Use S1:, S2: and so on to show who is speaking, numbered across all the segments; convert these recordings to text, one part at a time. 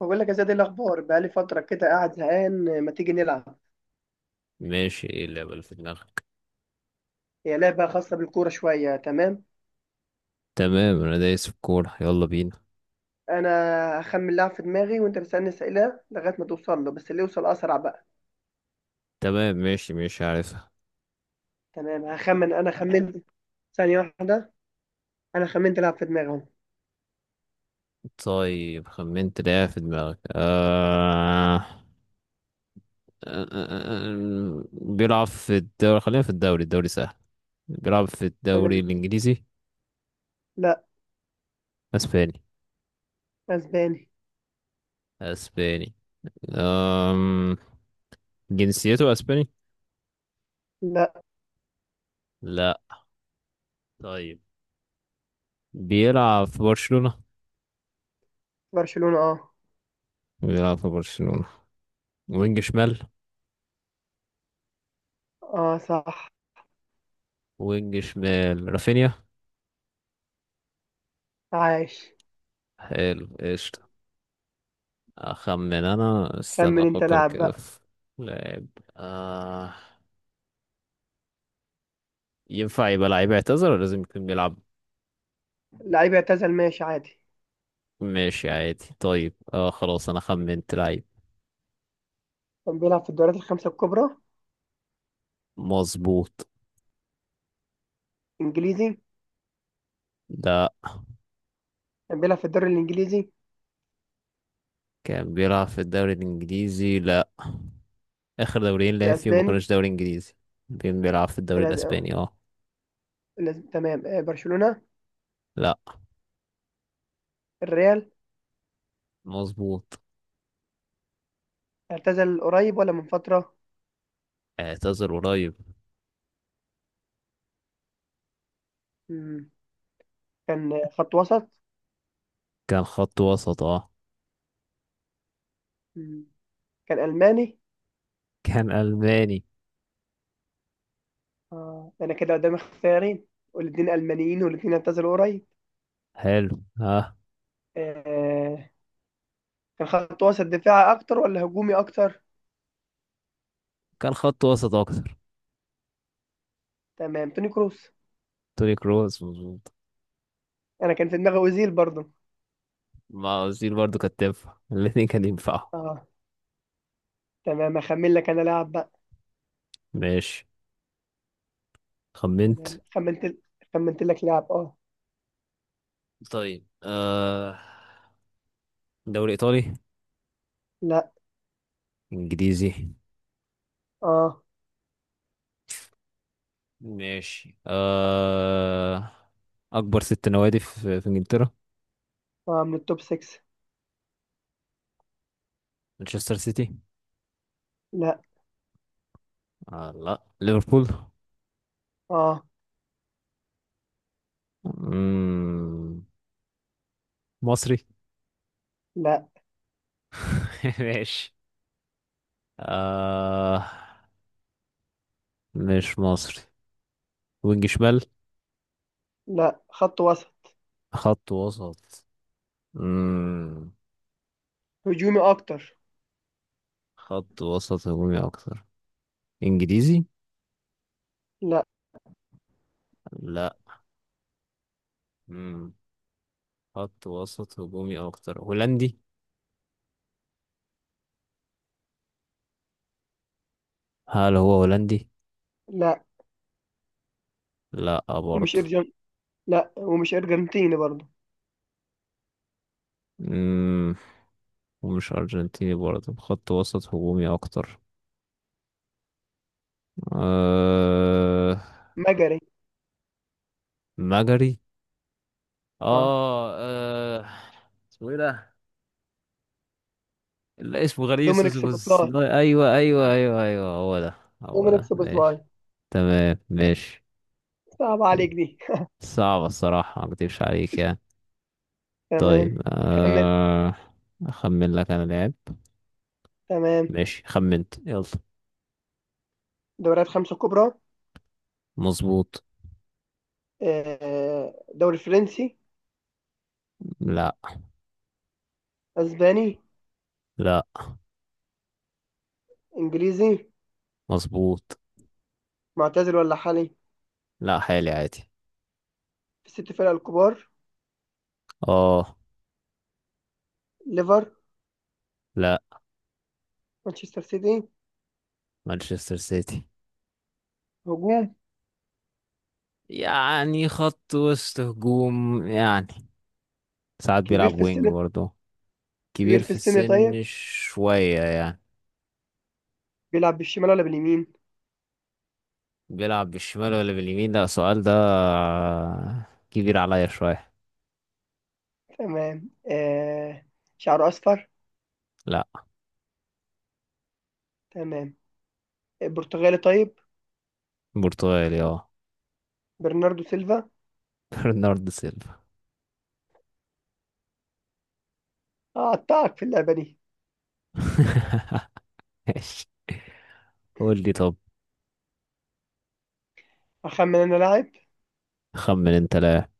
S1: بقول لك يا زياد، إيه الاخبار؟ بقالي فتره كده قاعد زهقان. ما تيجي نلعب؟
S2: ماشي، ايه اللعبة اللي في دماغك؟
S1: هي لعبه خاصه بالكوره شويه. تمام.
S2: تمام، انا دايس في الكورة، يلا بينا.
S1: انا هخمن لاعب في دماغي وانت تسالني اسئله لغايه ما توصل له، بس اللي يوصل اسرع بقى.
S2: تمام، ماشي ماشي، عارفها.
S1: تمام هخمن. انا خمنت. ثانيه واحده. انا خمنت لاعب في دماغي اهو.
S2: طيب، خمنت لعبة في دماغك. بيلعب في الدوري. خلينا في الدوري، الدوري سهل. بيلعب في الدوري
S1: تمام.
S2: الانجليزي؟
S1: لا.
S2: اسباني؟
S1: اسباني.
S2: اسباني. آم... جنسيته اسباني؟
S1: لا.
S2: لا. طيب، بيلعب في برشلونة.
S1: برشلونه اه.
S2: بيلعب في برشلونة، وينج شمال.
S1: اه صح.
S2: وينج شمال، رافينيا.
S1: عايش.
S2: حلو، قشطة. أخمن أنا، استنى
S1: خمن انت
S2: أفكر
S1: لاعب
S2: كده
S1: بقى.
S2: في لاعب. آه. ينفع يبقى لعيب اعتذر، ولا لازم يكون بيلعب؟
S1: لعيب اعتزل ماشي عادي.
S2: ماشي عادي، طيب، آه، خلاص، أنا خمنت لعيب.
S1: كان بيلعب في الدوريات الخمسه الكبرى.
S2: مظبوط.
S1: انجليزي.
S2: ده.
S1: كان بيلعب في الدوري الانجليزي.
S2: كان بيلعب في الدوري الإنجليزي؟ لا، آخر دوريين
S1: في
S2: لعب فيهم ما
S1: الاسباني.
S2: كانوش دوري إنجليزي. كان بيلعب في
S1: في
S2: الدوري
S1: الأز...
S2: الأسباني، اه.
S1: لازم. تمام برشلونة.
S2: لا.
S1: الريال.
S2: مظبوط.
S1: اعتزل قريب ولا من فترة؟
S2: اعتذر قريب.
S1: مم. كان خط وسط.
S2: كان خط وسط، اه.
S1: مم. كان ألماني.
S2: كان ألماني.
S1: آه. أنا كده قدامي اختيارين، والاتنين ألمانيين والاتنين اعتزلوا قريب.
S2: حلو، اه.
S1: آه. كان خط وسط دفاعي أكتر ولا هجومي أكتر؟
S2: كان خط وسط أكتر.
S1: تمام، توني كروس.
S2: توني كروس، مظبوط.
S1: أنا كان في دماغي أوزيل برضه.
S2: موازير برضو كانت تنفع، الاتنين كان ينفعوا.
S1: اه. تمام أخمن لك أنا لاعب بقى.
S2: ماشي. خمنت.
S1: تمام خمنت لك لاعب اه.
S2: طيب، آه، دوري ايطالي؟
S1: لا.
S2: انجليزي؟
S1: اه
S2: ماشي، آه، اكبر ست نوادي في انجلترا.
S1: اه من التوب 6.
S2: مانشستر سيتي؟
S1: لا.
S2: آه لا، ليفربول؟
S1: اه.
S2: مم. مصري؟
S1: لا.
S2: ماشي، آه، مش مصري. وينج شمال؟
S1: لا خط وسط
S2: خط وسط؟ مم.
S1: هجومي أكتر.
S2: خط وسط هجومي اكتر. انجليزي؟
S1: لا.
S2: لا. مم. خط وسط هجومي او اكتر. هولندي؟ هل هو هولندي؟
S1: لا
S2: لا
S1: ومش
S2: برضه.
S1: ارجنتيني برضه.
S2: امم ومش ارجنتيني برضه، خط وسط هجومي اكتر. أه...
S1: مجري
S2: مجري؟
S1: اه.
S2: اه، آه. اسمه ايه ده؟ لا، اسمه غريب، بس
S1: دومينيك سوبوسلاي.
S2: لا، ايوه ايوه ايوه ايوه، هو ده. هو
S1: دومينيك
S2: ده،
S1: سوبوسلاي.
S2: ماشي. تمام، ماشي.
S1: صعب عليك دي.
S2: صعب الصراحة، ما اكدبش عليك يعني.
S1: تمام.
S2: طيب.
S1: خمن.
S2: اخمن لك انا لعب.
S1: تمام.
S2: ماشي، خمنت، يلا.
S1: دوريات خمسة كبرى.
S2: مظبوط.
S1: دوري فرنسي.
S2: لا.
S1: اسباني.
S2: لا.
S1: انجليزي.
S2: مظبوط.
S1: معتزل ولا حالي؟
S2: لا، حالي عادي.
S1: في الست فرق الكبار.
S2: اه.
S1: ليفر.
S2: لا.
S1: مانشستر سيتي.
S2: مانشستر سيتي.
S1: هجوم.
S2: يعني خط وسط هجوم يعني، ساعات
S1: كبير
S2: بيلعب
S1: في
S2: وينج
S1: السن.
S2: برضه.
S1: كبير
S2: كبير
S1: في
S2: في
S1: السن طيب.
S2: السن شوية يعني.
S1: بيلعب بالشمال ولا باليمين؟
S2: بيلعب بالشمال ولا باليمين؟ لا، السؤال ده كبير عليا شوية.
S1: تمام آه. شعره اصفر.
S2: لا.
S1: تمام. برتغالي طيب.
S2: برتغالي، اه.
S1: برناردو سيلفا.
S2: برنارد سيلفا.
S1: أقطعك في اللعبة دي.
S2: ماشي. قول لي طب.
S1: أخمن أنا لاعب.
S2: خمن انت لاعب.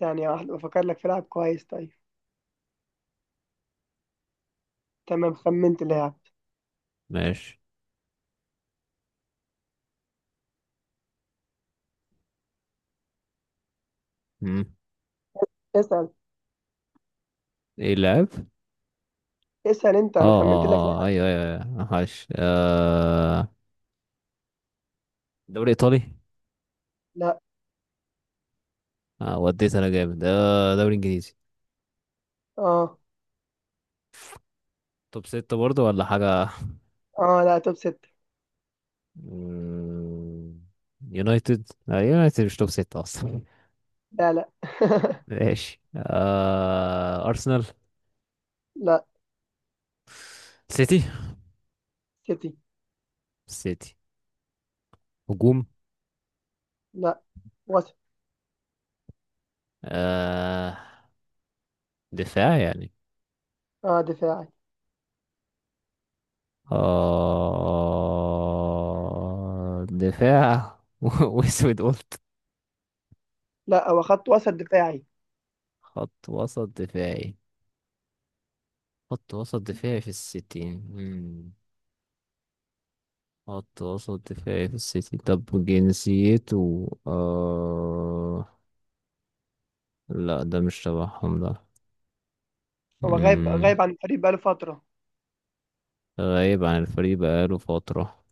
S1: ثانية واحدة بفكر لك في لاعب كويس. طيب تمام خمنت لاعب.
S2: ماشي. مم.
S1: اسأل.
S2: ايه اللاعب؟
S1: اسأل أنت،
S2: اه
S1: أنا خمنت لك
S2: اه اه،
S1: لاعب.
S2: ايوه ايوه أيوة، عاش، آه. دوري ايطالي؟
S1: لا.
S2: آه، وديت انا جامد، آه، دوري انجليزي.
S1: آه
S2: توب ستة برضه ولا حاجة؟
S1: آه. لا توب ست.
S2: مم. يونايتد، آه، يونايتد مش توب ستة اصلا.
S1: لا. لا.
S2: ماشي، آه، ارسنال؟
S1: لا.
S2: سيتي؟
S1: سيتي.
S2: سيتي. هجوم؟
S1: لا. وسط.
S2: آه، دفاع يعني؟
S1: آه دفاعي.
S2: آه، دفاع. واسود قلت.
S1: لا هو خط وسط دفاعي.
S2: خط وسط دفاعي. خط وسط دفاعي في السيتي، مم. خط وسط دفاعي في السيتي، طب جنسيته لا، ده مش تبعهم ده.
S1: هو غايب
S2: مم.
S1: غايب عن الفريق بقاله فترة.
S2: غايب عن الفريق بقاله فترة.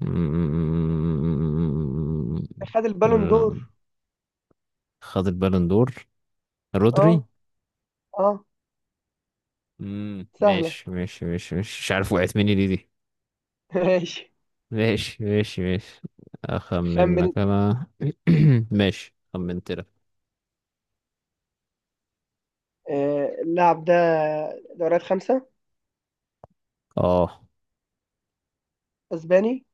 S2: مم.
S1: خد البالون دور.
S2: لا. خد البالون دور. رودري.
S1: آه. آه.
S2: مم.
S1: سهلة.
S2: ماشي ماشي ماشي ماشي، مش عارف وقعت مني ليه دي.
S1: ماشي.
S2: ماشي ماشي ماشي.
S1: خمن.
S2: أخمنك أنا. ماشي، خمنت لك.
S1: اللاعب ده، دوريات خمسة.
S2: اه.
S1: أسباني.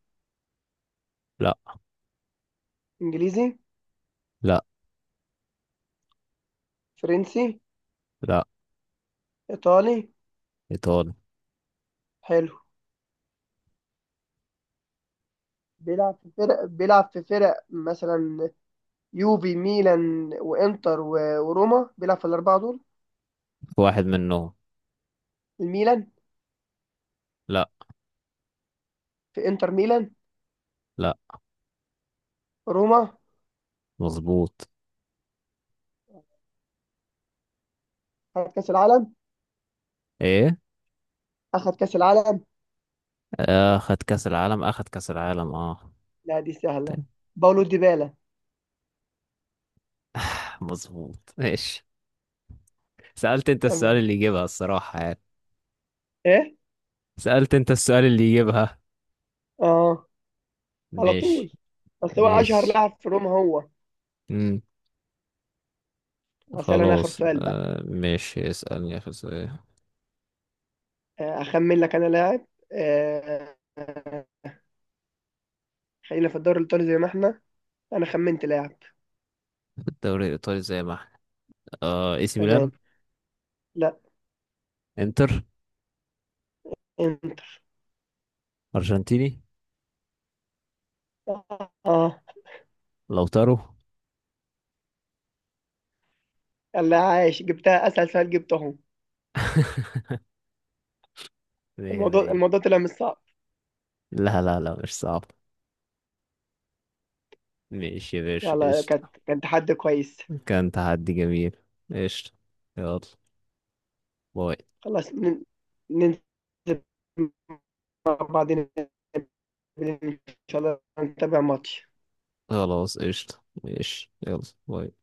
S2: لا.
S1: إنجليزي.
S2: لا.
S1: فرنسي.
S2: لا.
S1: إيطالي.
S2: ايطالي.
S1: حلو. بيلعب في فرق مثلا، يوفي، ميلان، وانتر، وروما. بيلعب في الاربعه دول.
S2: في واحد منهم.
S1: الميلان.
S2: لا.
S1: في انتر ميلان.
S2: لا.
S1: روما.
S2: مظبوط.
S1: خد كاس العالم.
S2: ايه؟
S1: اخد كاس العالم.
S2: اخد كاس العالم، اخد كاس العالم، اه.
S1: لا دي سهله.
S2: تاني.
S1: باولو ديبالا.
S2: مظبوط، ماشي. سألت انت السؤال
S1: تمام.
S2: اللي يجيبها الصراحة يعني.
S1: ايه.
S2: سألت انت السؤال اللي يجيبها.
S1: اه، على
S2: ماشي.
S1: طول. اصل هو اشهر
S2: ماشي.
S1: لاعب في روما هو.
S2: امم.
S1: اسال انا اخر
S2: خلاص،
S1: سؤال بقى.
S2: آه، ماشي، اسألني في السؤال.
S1: اخمن لك انا لاعب. آه، آه، خلينا في الدوري الايطالي زي ما احنا. انا خمنت لاعب.
S2: الدوري الإيطالي زي ما احنا. آه، اي سي
S1: تمام.
S2: ميلان؟
S1: لا.
S2: انتر؟
S1: انتر.
S2: ارجنتيني؟
S1: اه آه.
S2: لوتارو.
S1: يلا عايش، جبتها اسهل سؤال جبتهم.
S2: مية
S1: الموضوع
S2: مية.
S1: الموضوع طلع مش صعب.
S2: لا لا لا، مش صعب. ماشي يا باشا،
S1: يلا، كانت
S2: قشطة.
S1: كان تحدي كويس.
S2: كان تحدي جميل. قشطة. يلا. باي.
S1: خلاص ننزل مع بعض نقابل ان شاء الله نتابع ماتش.
S2: خلاص، قشطة، ماشي، يلا. باي.